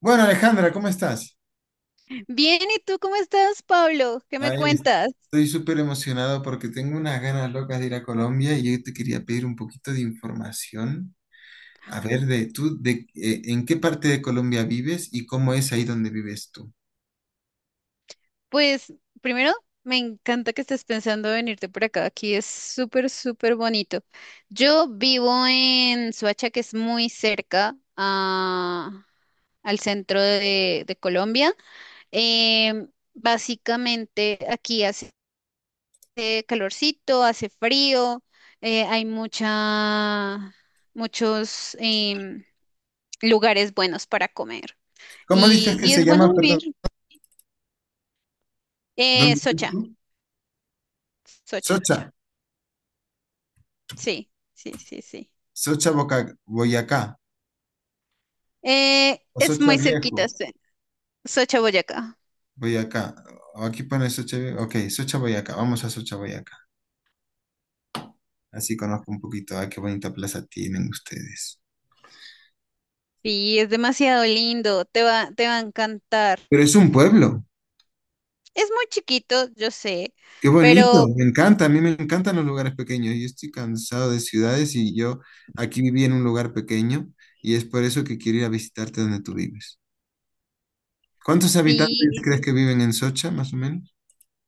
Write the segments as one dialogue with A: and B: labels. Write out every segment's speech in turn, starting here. A: Bueno, Alejandra, ¿cómo estás?
B: Bien, ¿y tú cómo estás, Pablo? ¿Qué me
A: Ahí es-
B: cuentas?
A: Estoy súper emocionado porque tengo unas ganas locas de ir a Colombia y yo te quería pedir un poquito de información. A ver, de tú, de en qué parte de Colombia vives y cómo es ahí donde vives tú.
B: Pues primero, me encanta que estés pensando venirte por acá. Aquí es súper, súper bonito. Yo vivo en Suacha, que es muy cerca al centro de Colombia. Básicamente, aquí hace calorcito, hace frío, hay muchos lugares buenos para comer
A: ¿Cómo dices
B: y,
A: que
B: y
A: se
B: es bueno
A: llama, perdón?
B: vivir. Eh,
A: ¿Dónde vives
B: Socha,
A: tú?
B: Socha,
A: Socha,
B: sí, sí, sí, sí.
A: Boyacá,
B: Eh,
A: o
B: es
A: Socha
B: muy cerquita,
A: Viejo,
B: sí, Socha, Boyacá.
A: Boyacá. O aquí pone Socha Viejo, ok, Socha Boyacá, vamos a Socha Boyacá. Así conozco un poquito, ah, qué bonita plaza tienen ustedes.
B: Sí, es demasiado lindo, te va a encantar.
A: Pero es un pueblo.
B: Es muy chiquito, yo sé,
A: Qué bonito,
B: pero
A: me encanta, a mí me encantan los lugares pequeños. Yo estoy cansado de ciudades y yo aquí viví en un lugar pequeño y es por eso que quiero ir a visitarte donde tú vives. ¿Cuántos habitantes
B: sí,
A: crees que viven en Socha, más o menos?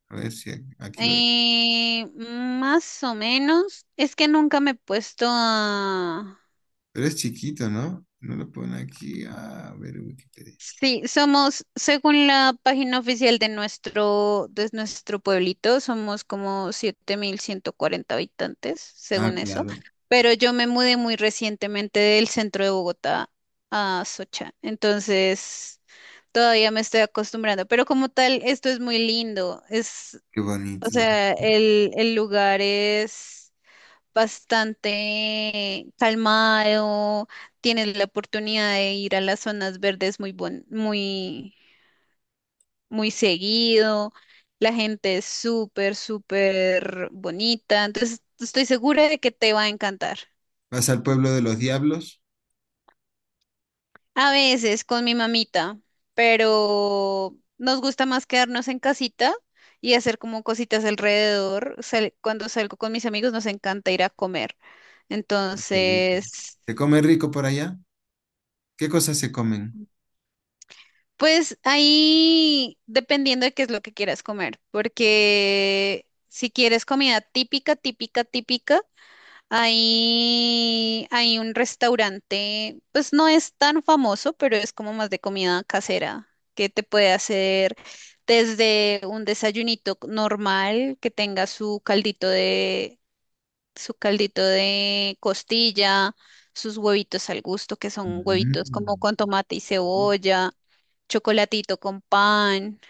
A: A ver si aquí lo...
B: más o menos, es que nunca me he puesto a.
A: Pero es chiquito, ¿no? No lo pone aquí. A ver, Wikipedia.
B: Sí, somos, según la página oficial de nuestro pueblito, somos como 7.140 habitantes,
A: Ah,
B: según eso.
A: claro,
B: Pero yo me mudé muy recientemente del centro de Bogotá a Socha, entonces todavía me estoy acostumbrando. Pero como tal, esto es muy lindo. Es,
A: qué
B: o
A: bonito.
B: sea, el lugar es bastante calmado, tienes la oportunidad de ir a las zonas verdes muy seguido, la gente es súper, súper bonita, entonces estoy segura de que te va a encantar.
A: ¿Vas al pueblo de los diablos?
B: A veces con mi mamita, pero nos gusta más quedarnos en casita y hacer como cositas alrededor. Cuando salgo con mis amigos nos encanta ir a comer.
A: Ah, qué rico.
B: Entonces,
A: ¿Se come rico por allá? ¿Qué cosas se comen?
B: pues ahí dependiendo de qué es lo que quieras comer, porque si quieres comida típica, típica, típica, ahí hay un restaurante, pues no es tan famoso, pero es como más de comida casera, que te puede hacer desde un desayunito normal que tenga su caldito de costilla, sus huevitos al gusto, que son huevitos como
A: Mm.
B: con tomate y cebolla, chocolatito con pan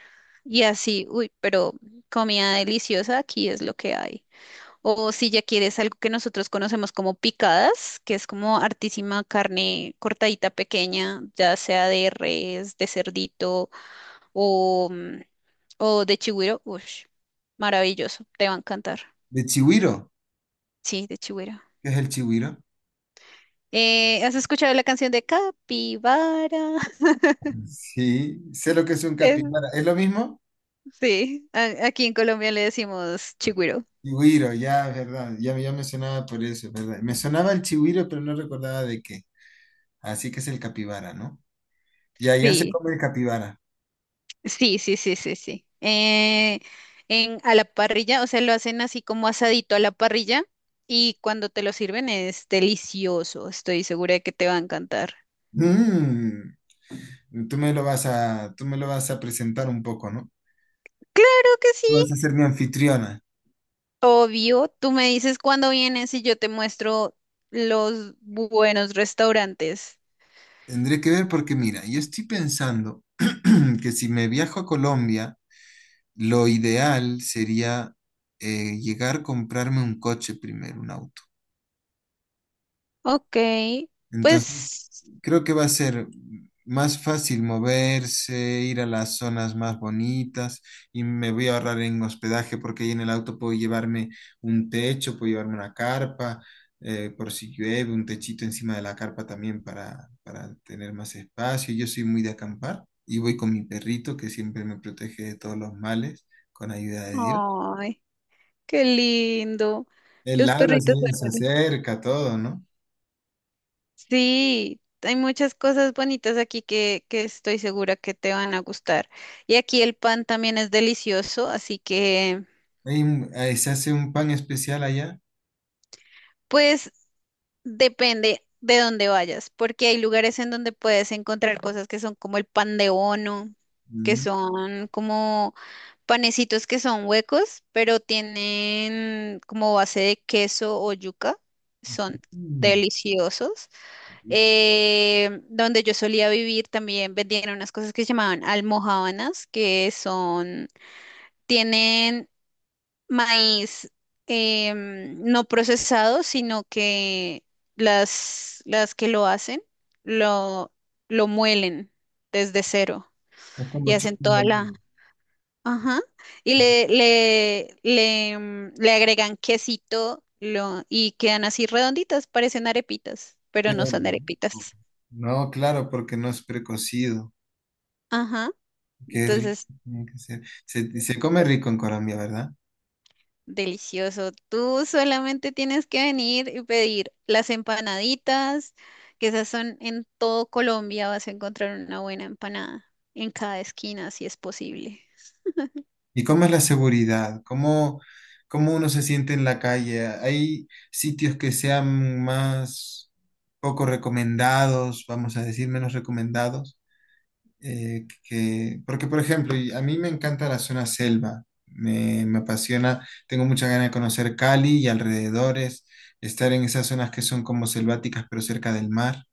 B: y así, uy, pero comida deliciosa aquí es lo que hay. O si ya quieres algo que nosotros conocemos como picadas, que es como artísima carne cortadita pequeña, ya sea de res, de cerdito o, mm, o de chigüiro, uy, maravilloso, te va a encantar.
A: ¿De chigüiro?
B: Sí, de chigüiro.
A: ¿Qué es el chigüiro?
B: ¿Has escuchado la canción de Capibara?
A: Sí, sé lo que es un capibara.
B: Es-
A: ¿Es lo mismo?
B: sí, aquí en Colombia le decimos chigüiro.
A: Chigüiro, ya, verdad. Ya, ya me sonaba por eso, ¿verdad? Me sonaba el chigüiro, pero no recordaba de qué. Así que es el capibara, ¿no? Ya, ya se
B: Sí,
A: come el capibara.
B: sí, sí, sí, sí, sí. A la parrilla, o sea, lo hacen así como asadito a la parrilla y cuando te lo sirven es delicioso. Estoy segura de que te va a encantar.
A: Mm, tú me lo vas a presentar un poco, ¿no?
B: Claro que sí.
A: Tú vas a ser mi anfitriona.
B: Obvio, tú me dices cuándo vienes y yo te muestro los buenos restaurantes.
A: Tendré que ver porque, mira, yo estoy pensando que si me viajo a Colombia, lo ideal sería llegar a comprarme un coche primero, un auto.
B: Ok,
A: Entonces,
B: pues.
A: creo que va a ser más fácil moverse, ir a las zonas más bonitas y me voy a ahorrar en hospedaje porque ahí en el auto puedo llevarme un techo, puedo llevarme una carpa, por si llueve, un techito encima de la carpa también para tener más espacio. Yo soy muy de acampar y voy con mi perrito que siempre me protege de todos los males con ayuda de Dios.
B: Ay. Qué lindo.
A: Él
B: Los
A: ladra, se
B: perritos
A: se
B: duermen.
A: acerca, todo, ¿no?
B: Sí, hay muchas cosas bonitas aquí que estoy segura que te van a gustar. Y aquí el pan también es delicioso, así que
A: Se hace un pan especial allá.
B: pues depende de dónde vayas, porque hay lugares en donde puedes encontrar cosas que son como el pan de bono, que son como panecitos que son huecos, pero tienen como base de queso o yuca. Son
A: Mm.
B: deliciosos. Donde yo solía vivir también vendían unas cosas que se llamaban almojábanas, que son, tienen maíz no procesado, sino que las que lo hacen lo, lo muelen desde cero
A: Es
B: y
A: como
B: hacen
A: chocando
B: toda
A: el-
B: la. Ajá. Y le agregan quesito y quedan así redonditas, parecen arepitas, pero
A: Qué
B: no son
A: rico.
B: arepitas.
A: No, claro, porque no es precocido.
B: Ajá.
A: Qué rico
B: Entonces,
A: tiene que ser. Se come rico en Colombia, ¿verdad?
B: delicioso. Tú solamente tienes que venir y pedir las empanaditas, que esas son en todo Colombia, vas a encontrar una buena empanada en cada esquina, si es posible.
A: ¿Y cómo es la seguridad? ¿Cómo uno se siente en la calle? ¿Hay sitios que sean más poco recomendados, vamos a decir, menos recomendados? Porque, por ejemplo, y a mí me encanta la zona selva, me apasiona, tengo mucha ganas de conocer Cali y alrededores, estar en esas zonas que son como selváticas, pero cerca del mar.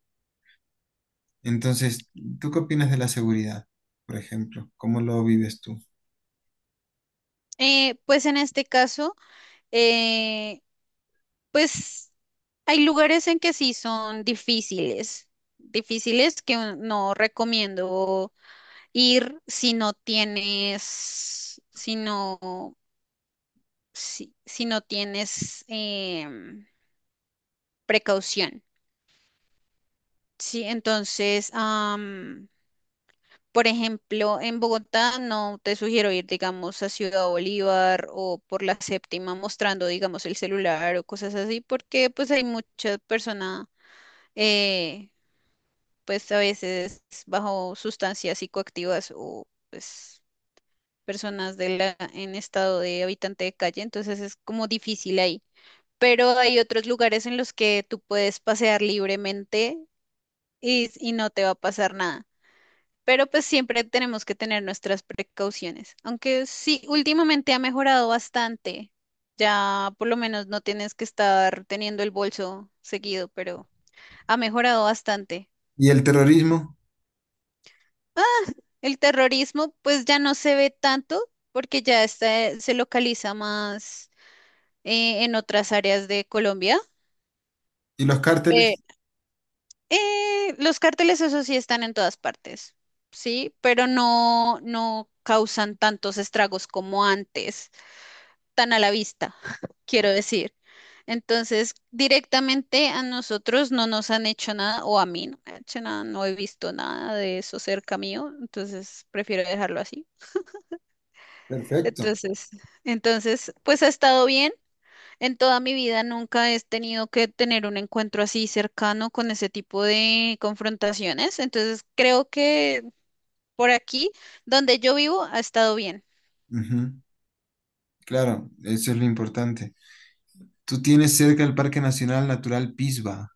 A: Entonces, ¿tú qué opinas de la seguridad, por ejemplo? ¿Cómo lo vives tú?
B: Pues en este caso, eh, pues hay lugares en que sí son difíciles, difíciles que no recomiendo ir si no tienes precaución. Sí, entonces, por ejemplo, en Bogotá no te sugiero ir, digamos, a Ciudad Bolívar o por la séptima mostrando, digamos, el celular o cosas así, porque pues hay muchas personas, eh, pues a veces bajo sustancias psicoactivas o pues personas en estado de habitante de calle, entonces es como difícil ahí. Pero hay otros lugares en los que tú puedes pasear libremente y no te va a pasar nada. Pero pues siempre tenemos que tener nuestras precauciones. Aunque sí, últimamente ha mejorado bastante. Ya por lo menos no tienes que estar teniendo el bolso seguido, pero ha mejorado bastante.
A: ¿Y el terrorismo?
B: Ah, el terrorismo pues ya no se ve tanto porque ya está, se localiza más en otras áreas de Colombia.
A: ¿Y los cárteles?
B: Pe- los cárteles, eso sí, están en todas partes, sí, pero no, no causan tantos estragos como antes, tan a la vista, quiero decir. Entonces, directamente a nosotros no nos han hecho nada, o a mí no me han hecho nada, no he visto nada de eso cerca mío, entonces prefiero dejarlo así.
A: Perfecto.
B: Entonces, entonces, pues ha estado bien. En toda mi vida nunca he tenido que tener un encuentro así cercano con ese tipo de confrontaciones. Entonces, creo que por aquí, donde yo vivo, ha estado bien.
A: Ujú, claro, eso es lo importante. Tú tienes cerca el Parque Nacional Natural Pisba.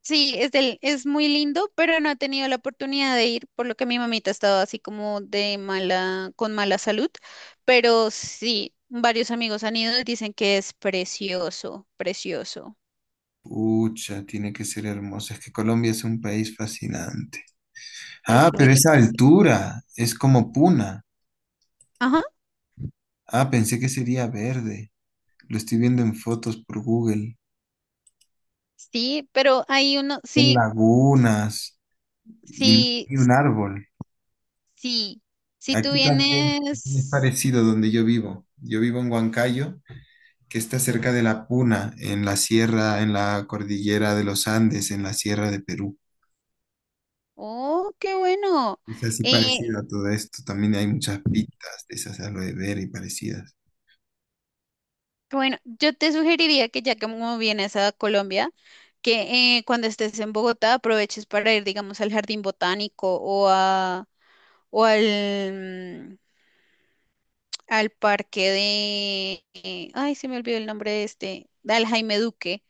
B: Sí, es muy lindo, pero no he tenido la oportunidad de ir, por lo que mi mamita estaba así como de mala, con mala salud, pero sí, varios amigos han ido y dicen que es precioso, precioso.
A: Pucha, tiene que ser hermoso. Es que Colombia es un país fascinante. Ah,
B: Es muy
A: pero esa
B: lindo, sí.
A: altura es como Puna.
B: Ajá,
A: Ah, pensé que sería verde. Lo estoy viendo en fotos por Google.
B: sí, pero hay uno,
A: Son
B: sí,
A: lagunas y no
B: sí,
A: hay un árbol.
B: sí, si tú
A: Aquí también aquí es
B: vienes,
A: parecido donde yo vivo. Yo vivo en Huancayo, que está cerca de la Puna, en la sierra, en la cordillera de los Andes, en la sierra de Perú.
B: oh, qué bueno.
A: Es así
B: Eh,
A: parecido a todo esto. También hay muchas pitas de esas aloe vera y parecidas.
B: Bueno, yo te sugeriría que ya que como vienes a Colombia, que cuando estés en Bogotá aproveches para ir, digamos, al jardín botánico o a o al, mm, al parque de, ay, se me olvidó el nombre de este, al Jaime Duque.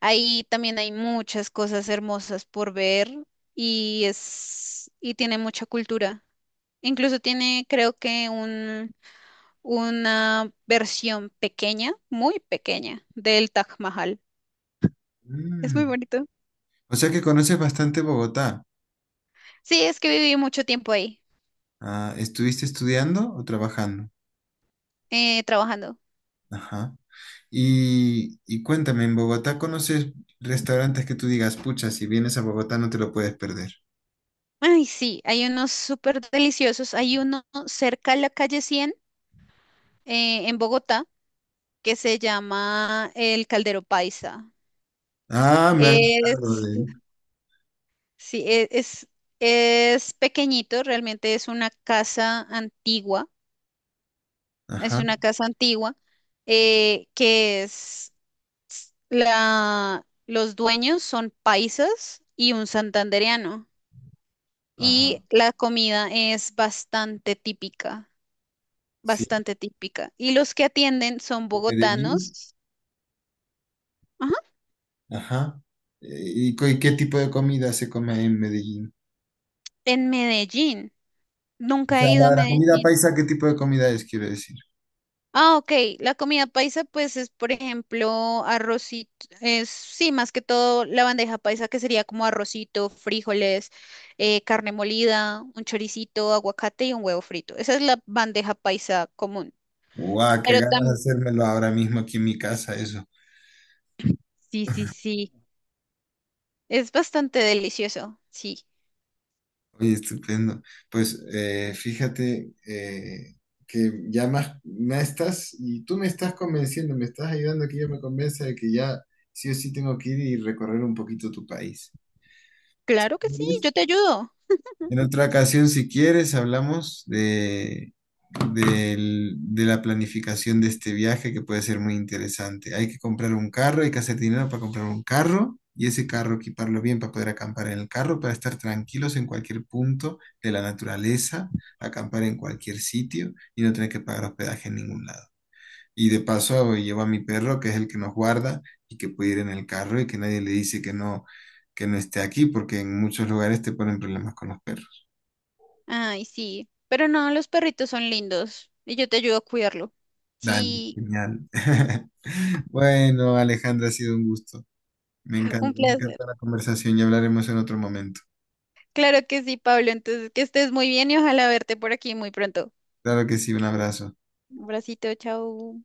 B: Ahí también hay muchas cosas hermosas por ver y tiene mucha cultura. Incluso tiene, creo que un una versión pequeña, muy pequeña, del Taj Mahal. Es muy
A: Mm.
B: bonito.
A: O sea que conoces bastante Bogotá.
B: Sí, es que viví mucho tiempo ahí,
A: Ah, ¿estuviste estudiando o trabajando?
B: trabajando.
A: Ajá. Y cuéntame, ¿en Bogotá conoces restaurantes que tú digas, pucha, si vienes a Bogotá no te lo puedes perder?
B: Ay, sí, hay unos súper deliciosos. Hay uno cerca a la calle 100 en Bogotá, que se llama el Caldero Paisa.
A: Ah, me han hablado
B: Es,
A: de él.
B: sí, es pequeñito, realmente es una casa antigua. Es
A: Ajá,
B: una casa antigua que es los dueños son paisas y un santandereano. Y
A: ajá.
B: la comida es bastante típica,
A: Sí,
B: bastante típica. Y los que atienden son
A: de Medellín.
B: bogotanos, ajá,
A: Ajá. ¿Y, y qué tipo de comida se come en Medellín?
B: en Medellín.
A: O
B: Nunca
A: sea,
B: he ido a
A: la comida
B: Medellín.
A: paisa, ¿qué tipo de comida es, quiero decir?
B: Ah, ok. La comida paisa, pues es, por ejemplo, arrocito, es, sí, más que todo la bandeja paisa, que sería como arrocito, frijoles, carne molida, un choricito, aguacate y un huevo frito. Esa es la bandeja paisa común.
A: Guau, qué
B: Pero
A: ganas de
B: también,
A: hacérmelo ahora mismo aquí en mi casa, eso.
B: sí, sí, sí. Es bastante delicioso, sí.
A: Oye, estupendo. Pues fíjate que ya más me estás, y tú me estás convenciendo, me estás ayudando a que yo me convenza de que ya sí o sí tengo que ir y recorrer un poquito tu país.
B: Claro que sí, yo te ayudo.
A: En otra ocasión, si quieres, hablamos de la planificación de este viaje que puede ser muy interesante. Hay que comprar un carro, hay que hacer dinero para comprar un carro y ese carro equiparlo bien para poder acampar en el carro, para estar tranquilos en cualquier punto de la naturaleza, acampar en cualquier sitio y no tener que pagar hospedaje en ningún lado. Y de paso llevo a mi perro, que es el que nos guarda y que puede ir en el carro y que nadie le dice que no esté aquí, porque en muchos lugares te ponen problemas con los perros.
B: Ay, sí, pero no, los perritos son lindos y yo te ayudo a cuidarlo.
A: Dale,
B: Sí,
A: genial. Bueno, Alejandra, ha sido un gusto.
B: un
A: Me
B: placer.
A: encanta la conversación y hablaremos en otro momento.
B: Claro que sí, Pablo. Entonces, que estés muy bien y ojalá verte por aquí muy pronto.
A: Claro que sí, un abrazo.
B: Un bracito, chao.